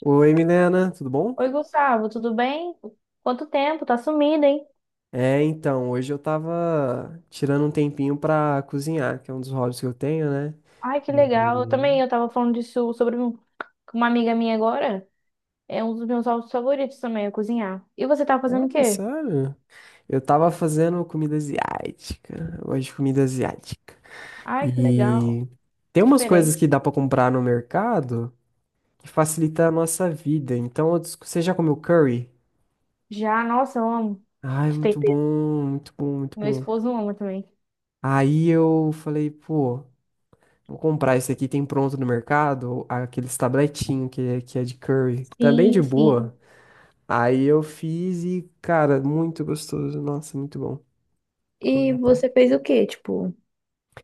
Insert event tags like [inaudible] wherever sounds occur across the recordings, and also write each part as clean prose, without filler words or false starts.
Oi, Milena, tudo bom? Oi, Gustavo, tudo bem? Quanto tempo? Tá sumido, hein? É, então, hoje eu tava tirando um tempinho pra cozinhar, que é um dos hobbies que eu tenho, né? Ai, que legal. Eu E... também, eu tava falando disso sobre um- com uma amiga minha agora. É um dos meus hobbies favoritos também, é cozinhar. E você tá fazendo o Ah, quê? sério? Eu tava fazendo comida asiática, hoje comida asiática. Ai, que legal. E tem umas coisas Diferente. que dá pra comprar no mercado que facilita a nossa vida. Então, você já comeu curry? Já, nossa, eu amo. Ai, De muito tempero. bom, muito bom, muito Meu bom. esposo ama também. Aí eu falei, pô. Vou comprar esse aqui, tem pronto no mercado, aqueles tabletinho que, que é de curry, também de Sim, sim. boa. Aí eu fiz e, cara, muito gostoso. Nossa, muito bom. Comi E até. você fez o quê? Tipo,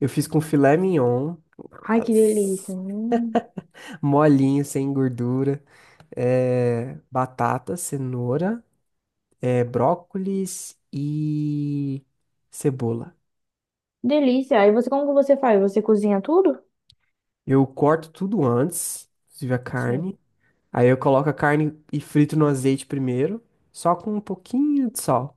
Eu fiz com filé mignon, ai, que delícia. nossa, molinho, sem gordura, é, batata, cenoura, é, brócolis e cebola. Delícia. E você, como que você faz? Você cozinha tudo? Eu corto tudo antes, inclusive a Sim. carne. Aí eu coloco a carne e frito no azeite primeiro, só com um pouquinho de sal.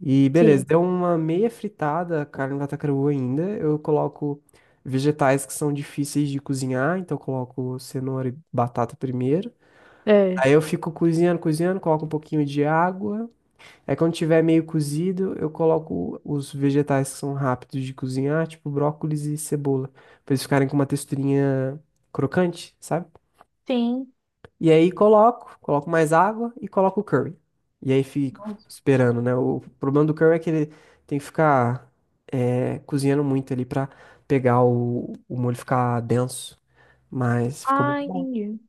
E beleza, Sim. deu uma meia fritada, a carne vai tá crua ainda. Eu coloco vegetais que são difíceis de cozinhar, então eu coloco cenoura e batata primeiro. É. Aí eu fico cozinhando, cozinhando, coloco um pouquinho de água. Aí quando tiver meio cozido, eu coloco os vegetais que são rápidos de cozinhar, tipo brócolis e cebola, pra eles ficarem com uma texturinha crocante, sabe? Sim. E aí coloco, coloco mais água e coloco o curry. E aí fico Nossa. esperando, né? O problema do curry é que ele tem que ficar é, cozinhando muito ali pra pegar o molho ficar denso. Mas ficou Ah, muito bom. entendi.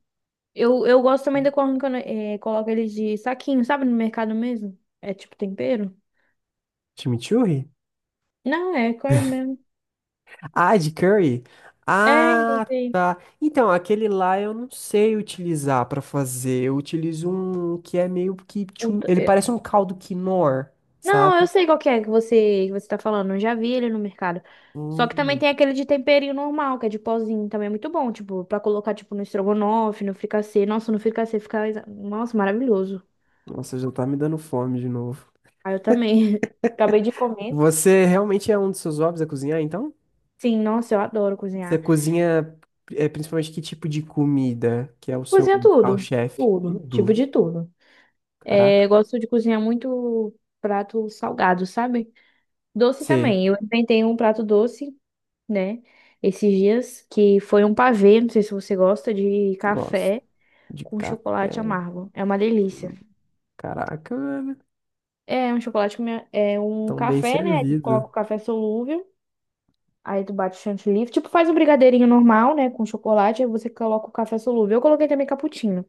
Eu gosto também da quando coloca eles de saquinho, sabe? No mercado mesmo. É tipo tempero? Chimichurri? Não, é corn mesmo. Ah, de curry? É, Ah, entendi. tá. Então, aquele lá eu não sei utilizar pra fazer. Eu utilizo um que é meio que... Puta, Ele é- parece um caldo quinoa, Não, eu sabe? sei qual que é que você tá falando. Eu já vi ele no mercado. Só que também Hum, tem aquele de temperinho normal, que é de pozinho. Também é muito bom, tipo, pra colocar, tipo, no estrogonofe, no fricassê. Nossa, no Nossa, maravilhoso. nossa, já tá me dando fome de novo. Ah, eu também. [laughs] Acabei de comer. Você realmente é um dos seus hobbies a cozinhar, então? Sim, nossa, eu adoro Você cozinhar. cozinha é, principalmente que tipo de comida que é o seu Cozinha tudo. carro-chefe? Tudo. Tipo Tudo. de tudo. É, eu Caraca. gosto de cozinhar muito prato salgado, sabe? Doce Você também. Eu inventei um prato doce, né? Esses dias, que foi um pavê, não sei se você gosta, de gosta café de com chocolate café? amargo. É uma delícia. Caraca, velho. É um Tão bem café, né? Aí tu coloca servido. o café solúvel, aí tu bate o chantilly. Tipo, faz um brigadeirinho normal, né? Com chocolate, aí você coloca o café solúvel. Eu coloquei também cappuccino,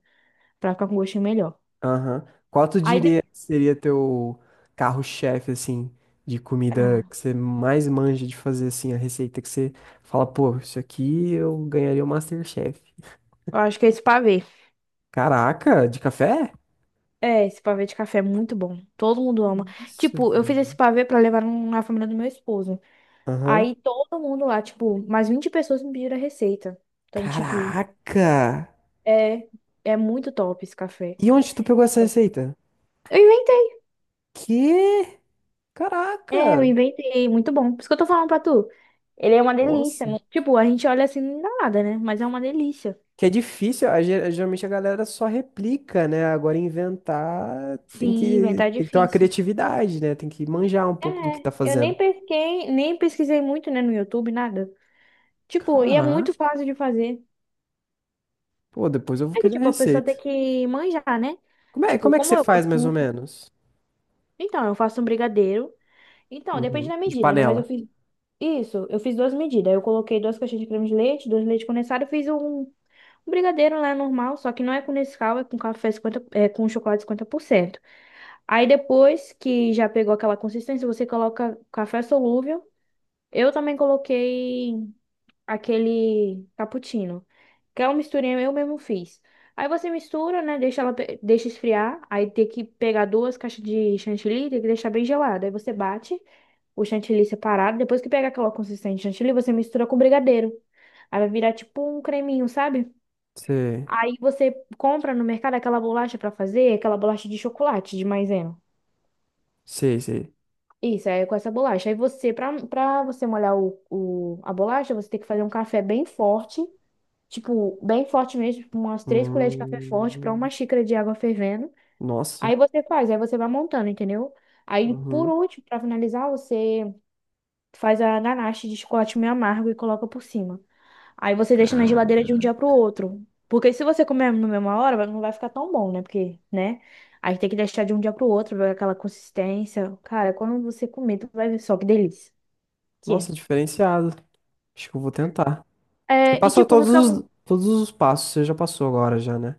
pra ficar com um gostinho melhor. Aham. Qual tu Aí diria depois... que seria teu carro-chefe, assim, de comida que você mais manja de fazer, assim, a receita que você fala, pô, isso aqui eu ganharia o MasterChef. Eu acho que é esse pavê. Caraca, de café? É, esse pavê de café é muito bom. Todo mundo ama. Isso. Tipo, eu fiz esse pavê pra levar na família do meu esposo. Aham. Aí todo mundo lá, tipo, mais 20 pessoas me pediram a receita. Então, tipo, Caraca! é, é muito top esse café. E onde tu pegou essa receita? Eu inventei. Que? É, eu Caraca! inventei. Muito bom. Por isso que eu tô falando pra tu. Ele é uma delícia, Nossa! né? Tipo, a gente olha assim, não dá nada, né? Mas é uma delícia. Que é difícil, geralmente a galera só replica, né? Agora inventar tem Sim, que, inventar é tem que ter uma difícil. criatividade, né? Tem que manjar um pouco do que É, tá eu fazendo. Nem pesquisei muito, né, no YouTube, nada. Tipo, e é muito Caraca! fácil de fazer. Pô, depois eu vou É que, querer a tipo, a pessoa tem receita. que manjar, né? Tipo, Como é que como você eu faz gosto mais ou muito. menos? Então, eu faço um brigadeiro. Então, depende Uhum. da De medida, né? Mas eu panela. fiz isso, eu fiz duas medidas. Eu coloquei duas caixinhas de creme de leite, dois leite condensado, e um brigadeiro lá normal, só que não é com Nescau, é com café 50, é com chocolate 50%. Aí depois que já pegou aquela consistência, você coloca café solúvel. Eu também coloquei aquele cappuccino, que é uma misturinha eu mesmo fiz. Aí você mistura, né? Deixa esfriar. Aí tem que pegar duas caixas de chantilly, tem que deixar bem gelado. Aí você bate o chantilly separado. Depois que pega aquela consistência de chantilly, você mistura com brigadeiro. Aí vai virar tipo um creminho, sabe? Sei, Aí você compra no mercado aquela bolacha pra fazer, aquela bolacha de chocolate, de maisena. sei, sei. Isso, aí é com essa bolacha. Aí pra você molhar a bolacha, você tem que fazer um café bem forte, tipo, bem forte mesmo, tipo, umas 3 colheres de café forte para uma Hum, xícara de água fervendo. nossa. Aí você vai montando, entendeu? Aí, por Uhum. último, para finalizar, você faz a ganache de chocolate meio amargo e coloca por cima. Aí você deixa na Cara, geladeira de um dia pro outro. Porque se você comer na mesma hora, não vai ficar tão bom, né? Porque, né? Aí tem que deixar de um dia pro outro, vai aquela consistência. Cara, quando você comer, tu vai ver só que delícia que é. nossa, diferenciado. Acho que eu vou tentar. Você É, e passou tipo, não todos fica. os, todos os passos, você já passou agora já, né?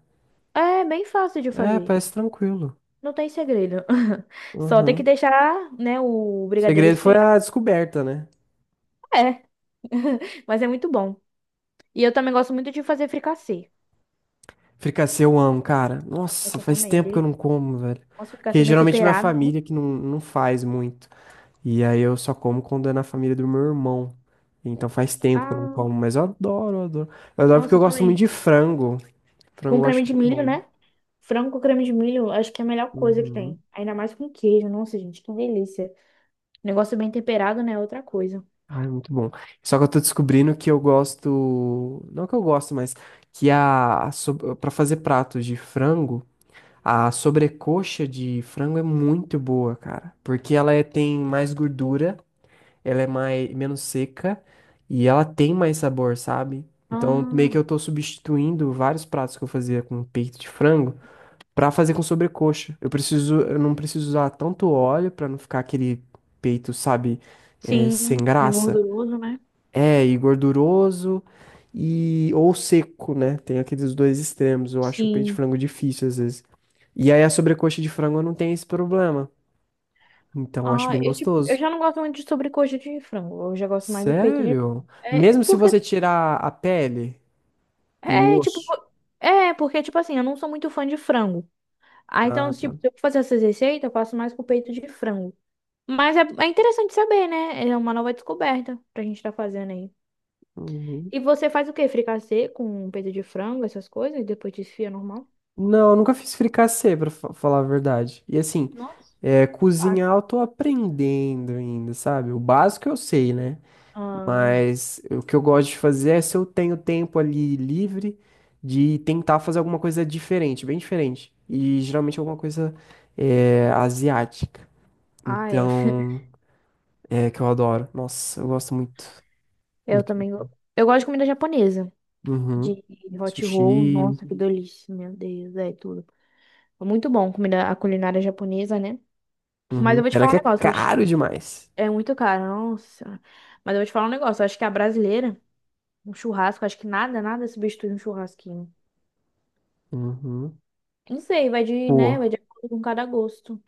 É bem fácil de É, fazer. parece tranquilo. Não tem segredo. [laughs] Só tem Uhum. que O deixar, né, o brigadeiro segredo foi esfriar. a descoberta, né? É, mas é muito bom. E eu também gosto muito de fazer fricassê. Fricassê eu amo, cara. Nossa, Nossa, faz também, tempo que eu dele. não como, velho. Nossa, Porque fricassê bem geralmente minha temperado, né? família que não faz muito. E aí eu só como quando é na família do meu irmão. Então faz tempo que eu não Ah, como, mas eu adoro, eu adoro. Eu adoro porque eu nossa, gosto muito também. de frango. Frango Com eu acho creme de muito milho, bom. né? Frango com creme de milho, acho que é a melhor coisa que Uhum. tem. Ainda mais com queijo. Nossa, gente, que delícia. Negócio bem temperado, né? É outra coisa. Ai, muito bom. Só que eu tô descobrindo que eu gosto, não que eu gosto, mas que a, para fazer pratos de frango, a sobrecoxa de frango é muito boa, cara, porque tem mais gordura, ela é mais menos seca e ela tem mais sabor, sabe? Então, meio Ah, que eu tô substituindo vários pratos que eu fazia com peito de frango pra fazer com sobrecoxa. Eu preciso, eu não preciso usar tanto óleo pra não ficar aquele peito, sabe, sim. sem Bem graça. gorduroso, né? É, e gorduroso e ou seco, né? Tem aqueles dois extremos. Eu acho o peito de Sim. frango difícil às vezes. E aí a sobrecoxa de frango não tem esse problema. Então eu acho Ah, bem eu, tipo, eu gostoso. já não gosto muito de sobrecoxa de frango. Eu já gosto mais do peito de Sério? é, Mesmo se porque você tirar a pele e o É, tipo, osso. é, porque, tipo assim, eu não sou muito fã de frango. Ah, então, Ah, tipo, tá. se eu fazer essas receitas, eu faço mais com peito de frango. Mas é, é interessante saber, né? É uma nova descoberta pra gente tá fazendo aí. Uhum. E você faz o quê? Fricassê com peito de frango, essas coisas, e depois desfia normal? Não, eu nunca fiz fricassê, falar a verdade. E assim, Nossa. é, Faz. cozinhar eu tô aprendendo ainda, sabe? O básico eu sei, né? Ah, Mas o que eu gosto de fazer é se eu tenho tempo ali livre de tentar fazer alguma coisa diferente, bem diferente. E geralmente é alguma coisa é, asiática. ah, é. Então, é que eu adoro. Nossa, eu gosto muito, Eu muito. também. Eu gosto de comida japonesa. Uhum. De hot roll. Sushi. Nossa, que delícia. Meu Deus, é tudo. É muito bom comida, a culinária japonesa, né? Mas Uhum. eu vou te Pena falar um que é negócio. caro demais. É muito caro, nossa. Mas eu vou te falar um negócio, eu acho que a brasileira, um churrasco, acho que nada, nada substitui um churrasquinho. Uhum. Não sei, vai de, Pô, né, vai de acordo com cada gosto.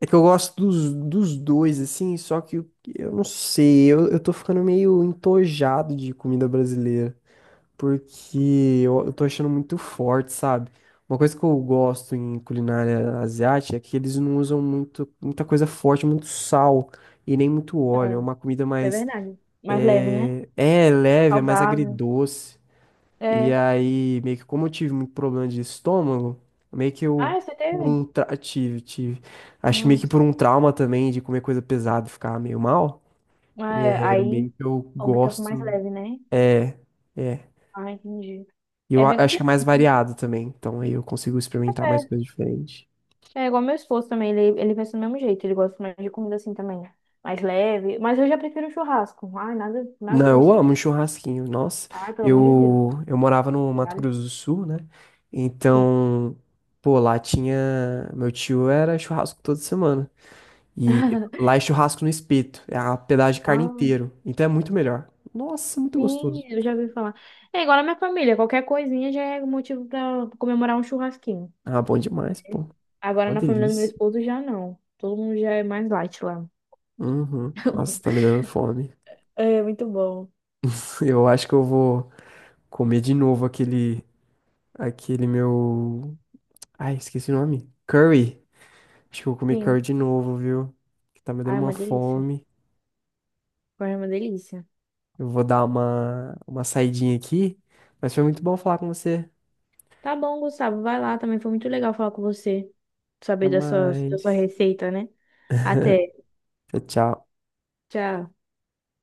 é que eu gosto dos, dos dois, assim, só que eu não sei, eu tô ficando meio entojado de comida brasileira. Porque eu tô achando muito forte, sabe? Uma coisa que eu gosto em culinária asiática é que eles não usam muita coisa forte, muito sal e nem muito É, óleo. É isso uma comida é mais, verdade. Mais leve, né? é, é leve, é mais Saudável. agridoce. E É. aí, meio que como eu tive muito problema de estômago, meio que eu Ah, você teve? Tive, tive. Acho que meio que Nossa. por um trauma também de comer coisa pesada e ficar meio mal. É, É, eu meio aí que eu opta por mais gosto. leve, né? É. É. Ah, entendi. E É bem acho que é complicado, mais né? variado também. Então aí eu consigo experimentar mais coisas diferentes. É, é igual meu esposo também, ele pensa do mesmo jeito, ele gosta mais de comida assim também, mais leve, mas eu já prefiro um churrasco. Ai, nada, nada Não, pra mim, eu sub- amo um churrasquinho. Nossa, ai, pelo amor de Deus. Eu morava no Mato Diário? Grosso do Sul, né? Sim. Então, pô, lá tinha. Meu tio era churrasco toda semana. E [laughs] lá é churrasco no espeto. É a pedaço de carne Ah, inteiro. Então é muito melhor. Nossa, muito sim, gostoso. eu já ouvi falar. É igual na minha família, qualquer coisinha já é motivo pra comemorar um churrasquinho. Ah, bom demais, pô. Agora Uma na família do meu delícia. esposo já não. Todo mundo já é mais light lá. Uhum. Nossa, tá me [laughs] dando fome. É muito bom. [laughs] Eu acho que eu vou comer de novo aquele, aquele meu Ai, esqueci o nome. Curry. Acho que eu vou comer Sim. curry de novo, viu? Que tá me dando Ah, é uma uma delícia. fome. Foi uma delícia. Eu vou dar uma saidinha aqui. Mas foi muito bom falar com você. Tá bom, Gustavo, vai lá também. Foi muito legal falar com você. Até Saber da sua mais. receita, né? Até. [laughs] Tchau, tchau. Tchau.